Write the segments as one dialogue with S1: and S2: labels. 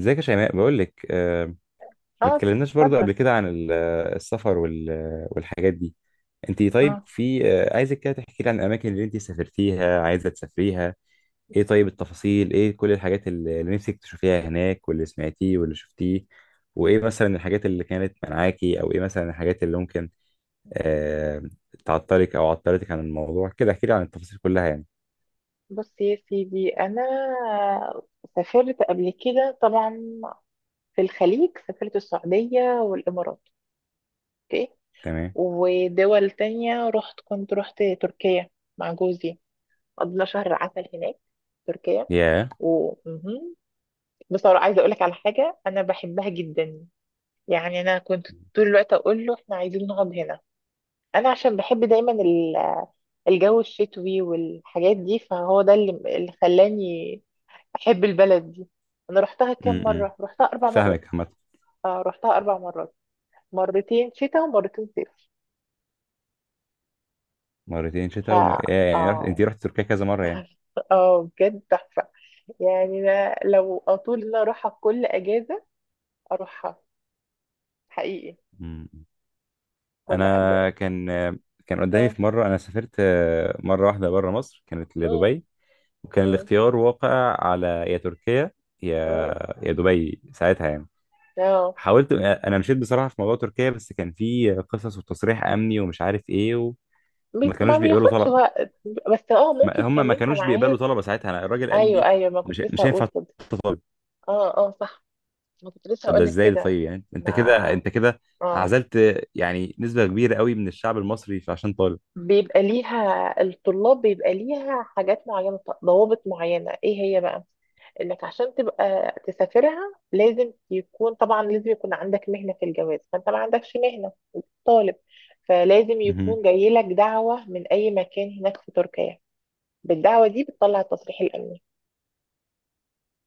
S1: ازيك يا شيماء، بقول لك ما
S2: اه،
S1: اتكلمناش برضو
S2: اتفضل.
S1: قبل كده عن السفر وال- آه، والحاجات دي. انت طيب،
S2: اه
S1: في عايزك كده تحكي لي عن الاماكن اللي انت سافرتيها، عايزه تسافريها. ايه؟ طيب التفاصيل ايه؟ كل الحاجات اللي نفسك تشوفيها هناك، واللي سمعتيه واللي شفتيه. وايه مثلا الحاجات اللي كانت منعاكي، او ايه مثلا الحاجات اللي ممكن آه، تعطلك او عطلتك عن الموضوع. كده احكي لي عن التفاصيل كلها يعني.
S2: بص يا سيدي، انا سافرت قبل كده طبعا. في الخليج سافرت السعودية والامارات. اوكي.
S1: تمام.
S2: ودول تانية رحت، كنت رحت تركيا مع جوزي، قضينا شهر عسل هناك في تركيا
S1: يا،
S2: و... مهم. بصراحة عايزة أقولك على حاجة أنا بحبها جدا. يعني أنا كنت طول الوقت أقول له إحنا عايزين نقعد هنا، أنا عشان بحب دايما الجو الشتوي والحاجات دي، فهو ده اللي خلاني بحب البلد دي. انا رحتها كام
S1: امم،
S2: مره؟ رحتها اربع مرات.
S1: فاهمك عامة.
S2: آه، رحتها اربع مرات، مرتين شتاء ومرتين صيف.
S1: مرتين
S2: ف
S1: شتاء ومر... يا- يعني رحت... انت
S2: اه
S1: رحت تركيا كذا مره يعني.
S2: اه، بجد تحفه. يعني أنا لو اطول ان أنا اروحها كل اجازه اروحها، حقيقي
S1: مم.
S2: كل ب...
S1: انا كان كان قدامي
S2: اه،
S1: في مره، انا سافرت مره واحده بره مصر، كانت
S2: اه،
S1: لدبي. وكان
S2: اه،
S1: الاختيار واقع على يا تركيا يا
S2: اه،
S1: يا دبي ساعتها يعني.
S2: آه.
S1: حاولت، انا مشيت بصراحه في موضوع تركيا، بس كان في قصص وتصريح امني ومش عارف ايه، وما
S2: بي-
S1: كانوش
S2: ما
S1: بيقبلوا
S2: بياخدش
S1: طلب.
S2: وقت، بس اه
S1: ما-
S2: ممكن
S1: هم
S2: كان
S1: ما
S2: انت
S1: كانوش بيقبلوا
S2: معاك.
S1: طلبه ساعتها. انا الراجل قال
S2: ايوه
S1: لي
S2: ايوه، ما
S1: مش
S2: كنت لسه
S1: مش
S2: هقول
S1: هينفع
S2: كده.
S1: تطلب.
S2: اه اه، صح، ما كنت لسه
S1: طب
S2: هقول
S1: ده
S2: لك
S1: ازاي ده؟
S2: كده.
S1: طيب يعني انت كده،
S2: ما اه،
S1: عزلت يعني نسبه كبيره قوي من الشعب المصري عشان طالب.
S2: بيبقى ليها الطلاب، بيبقى ليها حاجات معينة، ضوابط معينة. ايه هي بقى؟ انك عشان تبقى تسافرها لازم يكون، طبعا لازم يكون عندك مهنة في الجواز، فانت ما عندكش مهنة، طالب، فلازم
S1: مهم.
S2: يكون جاي لك دعوة من اي مكان هناك في تركيا. بالدعوة دي بتطلع التصريح الامني.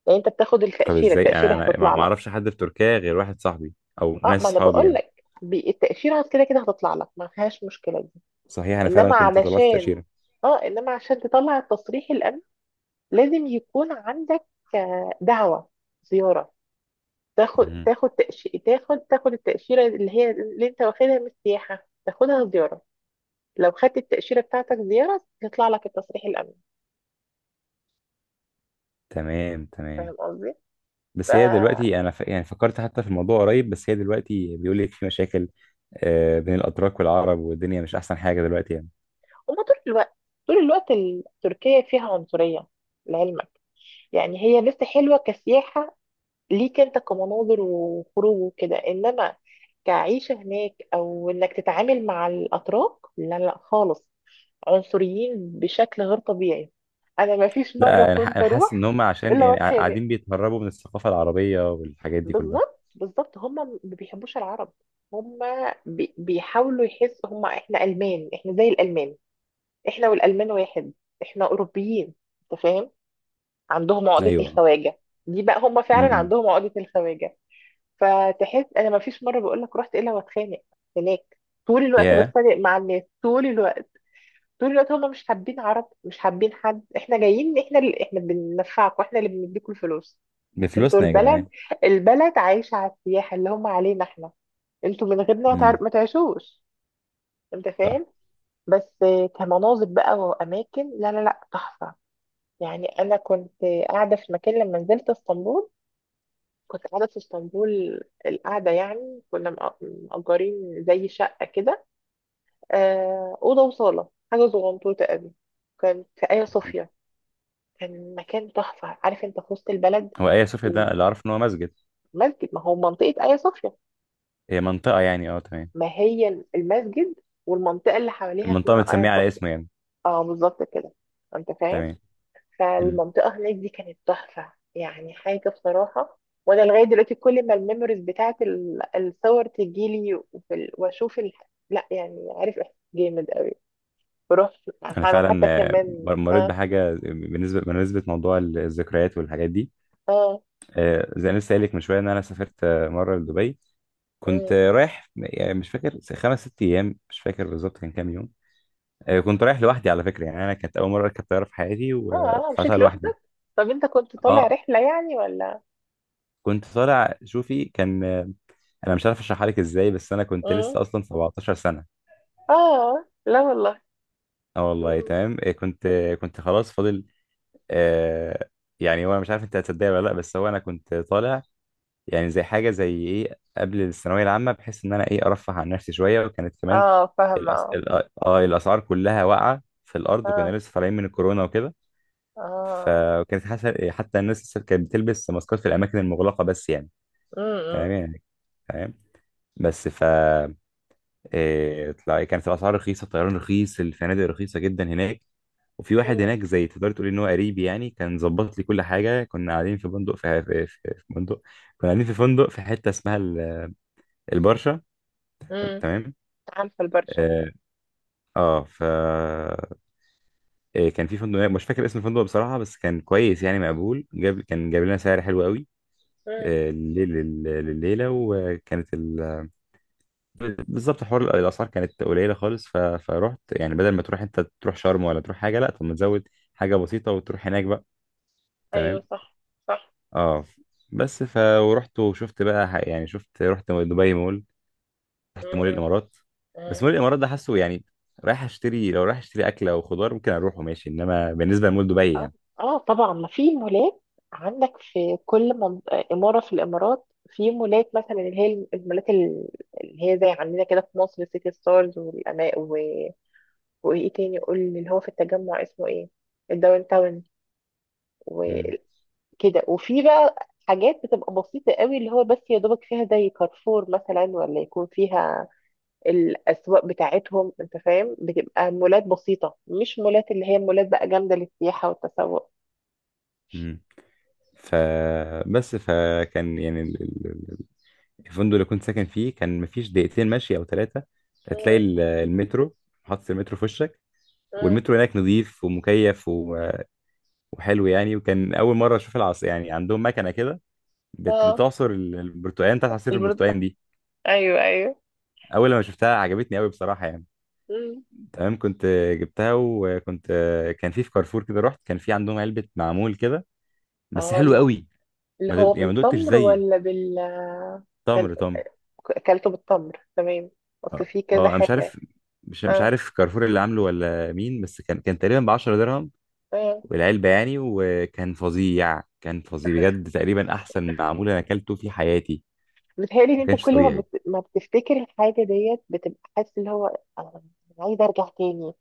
S2: يعني انت بتاخد
S1: طب
S2: التأشيرة،
S1: ازاي؟
S2: التأشيرة
S1: انا انا ما
S2: هتطلع
S1: ما
S2: لك.
S1: اعرفش حد في تركيا غير واحد صاحبي او
S2: اه،
S1: ناس
S2: ما انا
S1: اصحابي
S2: بقول
S1: يعني.
S2: لك، بي- التأشيرة كده كده هتطلع لك، ما فيهاش مشكلة دي.
S1: صحيح انا فعلا
S2: انما
S1: كنت طلعت
S2: علشان،
S1: تأشيرة.
S2: اه انما عشان تطلع التصريح الامني لازم يكون عندك دعوة زيارة. تاخد
S1: مهم.
S2: تاخد تأش... تاخد التأشيرة اللي هي اللي انت واخدها من السياحة تاخدها زيارة. لو خدت التأشيرة بتاعتك زيارة يطلع لك التصريح الأمني.
S1: تمام تمام.
S2: فاهم قصدي؟ ف...
S1: بس هي دلوقتي يعني فكرت حتى في الموضوع قريب، بس هي دلوقتي بيقول لك في مشاكل بين الاتراك والعرب، والدنيا مش احسن حاجه دلوقتي يعني.
S2: هما طول الوقت، طول الوقت تركيا فيها عنصرية، لعلمك. يعني هي لسه حلوة كسياحة ليك انت، كمناظر وخروج وكده، انما كعيشة هناك او انك تتعامل مع الاتراك، لا لا خالص، عنصريين بشكل غير طبيعي. انا ما فيش مره
S1: لا انا ح-
S2: كنت
S1: أنا حاسس ان
S2: اروح
S1: هم عشان
S2: الا
S1: يعني
S2: واتخانق.
S1: قاعدين بيتهربوا من الثقافه العربيه والحاجات دي كلها.
S2: بالظبط بالظبط، هم ما بيحبوش العرب. هم بي- بيحاولوا يحسوا هم احنا المان، احنا زي الالمان، احنا والالمان واحد، احنا اوروبيين، انت فاهم، عندهم عقده
S1: ايوه.
S2: الخواجه دي. بقى هم فعلا
S1: امم.
S2: عندهم عقده الخواجه. فتحس، انا ما فيش مره بقول لك رحت الا واتخانق هناك. طول الوقت
S1: يا،
S2: بتخانق مع الناس، طول الوقت، طول الوقت. هم مش حابين عرب، مش حابين حد. احنا جايين، احنا اللي احنا بننفعكم، احنا اللي بنديكم الفلوس. انتوا
S1: بفلوسنا يا
S2: البلد،
S1: جدعان.
S2: البلد عايشة على السياحة اللي هم علينا احنا. انتوا من غيرنا ما
S1: امم.
S2: تعر- ما تعيشوش، انت
S1: صح.
S2: فاهم. بس كمناظر بقى واماكن، لا لا لا تحفة. يعني انا كنت قاعدة في مكان لما نزلت اسطنبول، كنت قاعدة في اسطنبول، القعدة يعني كنا مأ- مأجرين زي شقة كده، آه، أوضة وصالة، حاجة صغنطوطة قوي، كانت في آيا
S1: مهم.
S2: صوفيا. كان مكان تحفة، عارف انت، في وسط البلد.
S1: هو ايا صوفيا ده اللي
S2: ومسجد،
S1: اعرف ان هو مسجد.
S2: ما هو منطقة آيا صوفيا.
S1: هي منطقه يعني، اه تمام.
S2: ما هي المسجد والمنطقة اللي حواليها
S1: المنطقة
S2: اسمها آيا
S1: متسمية على
S2: صوفيا.
S1: اسمه يعني.
S2: اه بالظبط كده، انت فاهم.
S1: تمام. مم.
S2: فالمنطقة هناك دي كانت تحفة، يعني حاجة بصراحة. وانا لغاية دلوقتي كل ما الميموريز بتاعت الصور تجيلي، وفي ال- واشوف ال... لا يعني عارف، احساس جامد قوي. بروح يعني،
S1: أنا
S2: انا حتى
S1: فعلا
S2: كمان
S1: مريت
S2: اه.
S1: بحاجة بالنسبة لموضوع الذكريات والحاجات دي.
S2: اه،
S1: زي ما لسه قايل لك من شوية إن أنا سافرت مرة لدبي. كنت
S2: اه،
S1: رايح يعني، مش فاكر خمس ست أيام، مش فاكر بالظبط كان كام يوم. كنت رايح لوحدي على فكرة. يعني أنا كانت أول مرة أركب طيارة في حياتي،
S2: اه, آه، مشيت
S1: وطلعتها لوحدي.
S2: لوحدك، طب انت كنت طالع
S1: أه،
S2: رحلة يعني ولا؟
S1: كنت طالع شوفي، كان انا مش عارف اشرحها لك ازاي، بس انا كنت
S2: مم.
S1: لسه اصلا 17 سنه.
S2: اه لا والله.
S1: اه والله
S2: مم.
S1: تمام. إيه، كنت كنت خلاص فاضل آه. يعني هو مش عارف انت هتصدقني ولا لا، بس هو انا كنت طالع يعني زي حاجه زي ايه قبل الثانويه العامه، بحيث ان انا ايه ارفه عن نفسي شويه. وكانت كمان
S2: اه، فاهمة
S1: الأس...
S2: اه.
S1: الأ- اه الاسعار كلها واقعه في الارض، وكنا
S2: اه،
S1: لسه طالعين من الكورونا وكده.
S2: اه،
S1: فكانت حتى الناس لسه كانت بتلبس ماسكات في الاماكن المغلقه بس، يعني. تمام
S2: امم،
S1: يعني. تمام. بس ف، إيه... كانت الاسعار رخيصه، الطيران رخيص، الفنادق رخيصه جدا هناك. وفي واحد
S2: مم،
S1: هناك زي تقدر تقول ان هو قريب يعني، كان ظبط لي كل حاجه. كنا قاعدين في فندق في فندق. كنا قاعدين في فندق في حته اسمها البرشا.
S2: امم.
S1: تمام.
S2: عارفة البرشا.
S1: اه، آه ف، كان في فندق هناك، مش فاكر اسم الفندق بصراحه، بس كان كويس يعني، مقبول. جاب، جاب لنا سعر حلو قوي
S2: مم.
S1: الليل لليله. وكانت ال... بالظبط حوار الاسعار كانت قليله خالص. فرحت يعني بدل ما تروح انت تروح شرم ولا تروح حاجه، لا طب ما تزود حاجه بسيطه وتروح هناك بقى.
S2: ايوه،
S1: تمام.
S2: صح، صح.
S1: اه. بس ف، ورحت وشفت بقى يعني شفت، رحت دبي مول، رحت مول
S2: مم.
S1: الامارات. بس
S2: مم.
S1: مول الامارات ده حاسه يعني رايح اشتري، لو رايح اشتري اكل او خضار ممكن اروح وماشي، انما بالنسبه لمول دبي
S2: اه،
S1: يعني.
S2: آه، طبعا ما في مولات عندك في كل منط... آه، اماره في الامارات في مولات، مثلا اللي هي المولات اللي هي زي عندنا كده في مصر، سيتي ستارز والأما و... وايه تاني؟ قول لي اللي هو في التجمع، اسمه ايه؟ الداون تاون.
S1: امم.
S2: كده، وفي بقى حاجات بتبقى بسيطة قوي، اللي هو بس يا دوبك فيها زي كارفور مثلا، ولا يكون فيها الأسواق بتاعتهم، انت فاهم، بتبقى مولات بسيطة، مش مولات اللي هي مولات بقى جامدة للسياحة والتسوق.
S1: امم. ف، بس فكان يعني الفندق اللي كنت ساكن فيه كان مفيش دقيقتين مشي او ثلاثه، هتلاقي
S2: مم،
S1: المترو. حاطط المترو في وشك.
S2: مم.
S1: والمترو هناك نظيف ومكيف و- وحلو يعني. وكان اول مره اشوف العصر يعني، عندهم مكنه كده
S2: اه،
S1: بتعصر البرتقال، بتاعت عصير
S2: البرد
S1: البرتقال
S2: آه،
S1: دي.
S2: ايوه ايوه.
S1: اول لما شفتها عجبتني قوي بصراحه يعني.
S2: مم.
S1: تمام، كنت جبتها وكنت، كان في في كارفور كده رحت، كان في عندهم علبه معمول كده بس
S2: اه،
S1: حلو قوي.
S2: اللي
S1: ما
S2: هو
S1: دقت يعني، ما دقتش
S2: بالتمر
S1: زيه.
S2: ولا بال- كان
S1: تمر تمر.
S2: اكلته بالتمر، تمام. اصل
S1: اه.
S2: في كذا
S1: انا مش
S2: حاجة.
S1: عارف، مش
S2: اه،
S1: عارف كارفور اللي عامله ولا مين، بس كان تقريبا ب 10 درهم
S2: آه.
S1: والعلبه يعني. وكان فظيع، كان فظيع بجد، تقريبا احسن معمول انا اكلته في حياتي.
S2: بتهيألي ان
S1: ما
S2: انت
S1: كانش
S2: كل ما
S1: طبيعي.
S2: بت... ما بتفتكر الحاجه ديت بتبقى حاسس اللي هو، انا أنا عايزه ارجع تاني.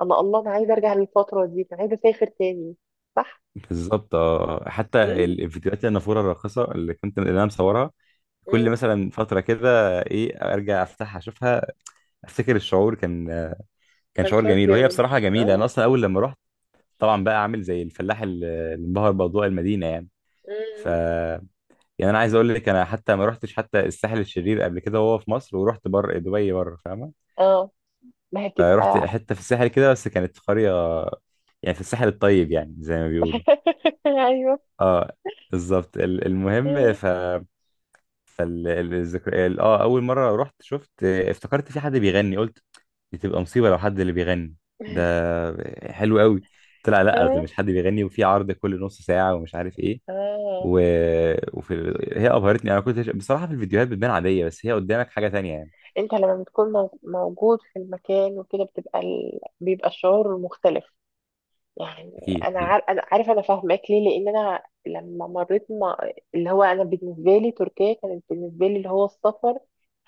S2: انا الله، انا عايزه ارجع للفتره دي، انا عايزه اسافر تاني. صح.
S1: بالظبط اه، حتى
S2: امم،
S1: الفيديوهات، النافوره الراقصه اللي كنت، اللي انا مصورها، كل
S2: امم.
S1: مثلا فتره كده ايه ارجع افتحها اشوفها، افتكر الشعور كان، كان
S2: كان
S1: شعور
S2: شعور
S1: جميل. وهي
S2: جامد.
S1: بصراحه جميله. انا
S2: اه،
S1: اصلا اول لما رحت، طبعا بقى عامل زي الفلاح اللي انبهر باضواء المدينه يعني. ف،
S2: امم.
S1: يعني انا عايز اقول لك انا حتى ما رحتش حتى الساحل الشرير قبل كده وهو في مصر، ورحت بره دبي بره فاهمه.
S2: اه، ما هي
S1: فرحت
S2: بتبقى.
S1: حته في الساحل كده، بس كانت في قريه يعني في الساحل الطيب يعني زي ما بيقولوا.
S2: ايوه.
S1: اه، بالظبط. المهم
S2: مم.
S1: ف، ال- ال- الذكر ال- اه اول مره رحت، شفت، افتكرت في حد بيغني. قلت دي تبقى مصيبه لو حد اللي بيغني ده، حلو قوي. طلع لا، ده
S2: اه،
S1: مش حد بيغني، وفي عرض كل نص ساعه ومش عارف ايه.
S2: اه،
S1: و... وفي. هي ابهرتني. انا كنت بصراحه في الفيديوهات بتبان عاديه، بس هي قدامك حاجه تانية يعني.
S2: انت لما بتكون مو- موجود في المكان وكده بتبقى ال... بيبقى الشعور مختلف، يعني.
S1: اكيد
S2: انا
S1: اكيد.
S2: عار... انا عارف، انا فاهماك ليه، لان انا لما مريت ما... اللي هو انا بالنسبه لي تركيا كانت بالنسبه لي اللي هو السفر،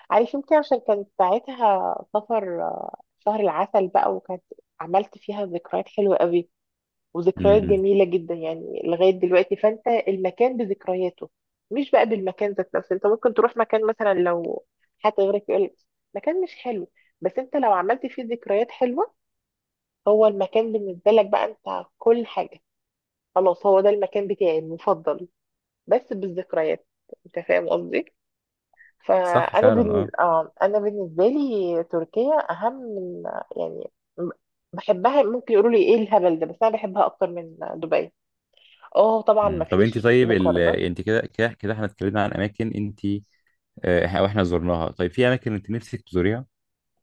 S2: عارف، يمكن عشان كانت ساعتها سفر آه، شهر العسل بقى، وكانت عملت فيها ذكريات حلوه قوي،
S1: امم.
S2: وذكريات
S1: إمم.
S2: جميله جدا يعني لغايه دلوقتي، فانت المكان بذكرياته مش بقى بالمكان ذات نفسه. انت ممكن تروح مكان، مثلا لو حد غيرك يقول لك مكان مش حلو، بس انت لو عملت فيه ذكريات حلوه، هو المكان بالنسبه لك بقى انت كل حاجه، خلاص هو ده المكان بتاعي المفضل، بس بالذكريات، انت فاهم قصدي.
S1: صح
S2: فانا
S1: فعلا
S2: بالنسبة
S1: اه.
S2: آه، انا بالنسبه لي تركيا اهم من، يعني، م- بحبها، ممكن يقولوا لي ايه الهبل ده، بس انا بحبها اكتر من دبي. اه طبعا
S1: مم.
S2: ما
S1: طب انت
S2: فيش
S1: طيب، ال...
S2: مقارنه.
S1: انت كده احنا اتكلمنا عن اماكن انت واحنا زرناها. طيب في اماكن انت نفسك تزوريها؟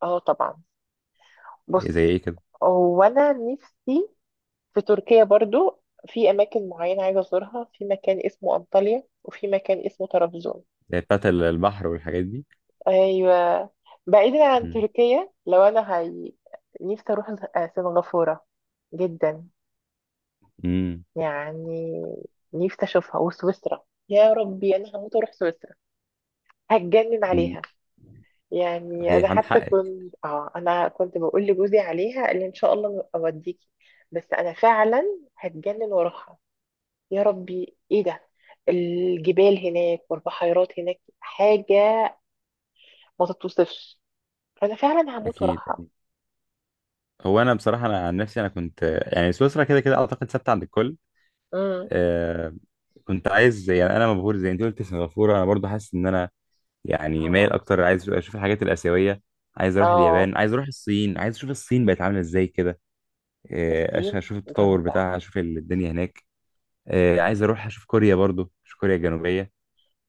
S2: اه طبعا.
S1: إيه، زي
S2: بص،
S1: ايه كده؟
S2: هو انا نفسي في تركيا برضو في اماكن معينه عايزه ازورها، في مكان اسمه انطاليا وفي مكان اسمه طرابزون.
S1: زي بتاعت البحر والحاجات دي.
S2: ايوه. بعيدا عن
S1: مم.
S2: تركيا، لو انا هي نفسي اروح سنغافوره جدا.
S1: مم.
S2: يعني نفسي اشوفها. وسويسرا، يا ربي، انا هموت واروح سويسرا، هتجنن
S1: مم.
S2: عليها. يعني انا
S1: صحيح عن
S2: حتى
S1: حقك.
S2: كنت اه، انا كنت بقول لجوزي عليها، قال لي ان شاء الله اوديكي. بس انا فعلا هتجنن واروحها. يا ربي ايه ده، الجبال هناك والبحيرات هناك، حاجه ما تتوصفش. انا فعلا هموت
S1: اكيد
S2: واروحها.
S1: اكيد. هو انا بصراحه، انا عن نفسي انا كنت يعني، سويسرا كده اعتقد ثابته عند الكل
S2: امم.
S1: آه. كنت عايز يعني، انا مبهور زي انت قلت سنغافوره. انا برضو حاسس ان انا يعني مايل
S2: اه،
S1: اكتر، عايز اشوف الحاجات الاسيويه. عايز اروح
S2: اه.
S1: اليابان، عايز اروح الصين، عايز اشوف الصين بقت عامله ازاي كده.
S2: الصين
S1: اشوف التطور
S2: جامدة.
S1: بتاعها، اشوف الدنيا هناك. آه، عايز اروح اشوف كوريا برضو، اشوف كوريا الجنوبيه.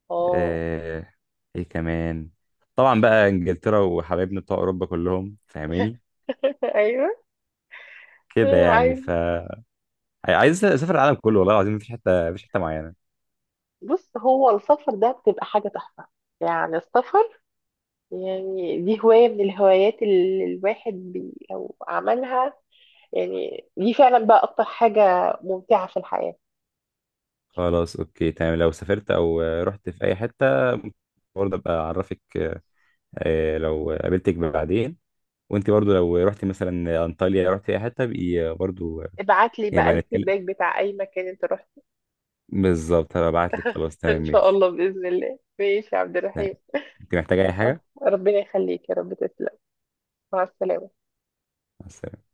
S2: اه.
S1: آه، ايه كمان؟ طبعا بقى انجلترا وحبايبنا بتوع اوروبا كلهم فاهماني
S2: ايوه.
S1: كده يعني.
S2: عايز.
S1: ف، عايز اسافر العالم كله والله العظيم، مفيش حته، مفيش حته معينه.
S2: بص، هو السفر ده بتبقى حاجة تحفة. يعني السفر، يعني دي هواية من الهوايات اللي الواحد بي لو عملها، يعني دي فعلا بقى أكتر حاجة ممتعة في الحياة.
S1: خلاص اوكي تمام. لو سافرت او رحت في اي حته، برضه ابقى اعرفك لو قابلتك بعدين. وانت برضه لو رحتي مثلا انطاليا، رحتي اي حته بقي برضه،
S2: ابعت لي بقى
S1: يبقى نتكلم.
S2: الفيدباك بتاع أي مكان أنت رحت.
S1: بالظبط، هبقى ابعت لك. خلاص تمام
S2: إن شاء
S1: ماشي.
S2: الله، بإذن الله، ماشي يا عبد
S1: تمام.
S2: الرحيم.
S1: انت محتاجه اي حاجه؟
S2: ربنا يخليك يا رب، تسلم. مع السلامة.
S1: مع السلامة.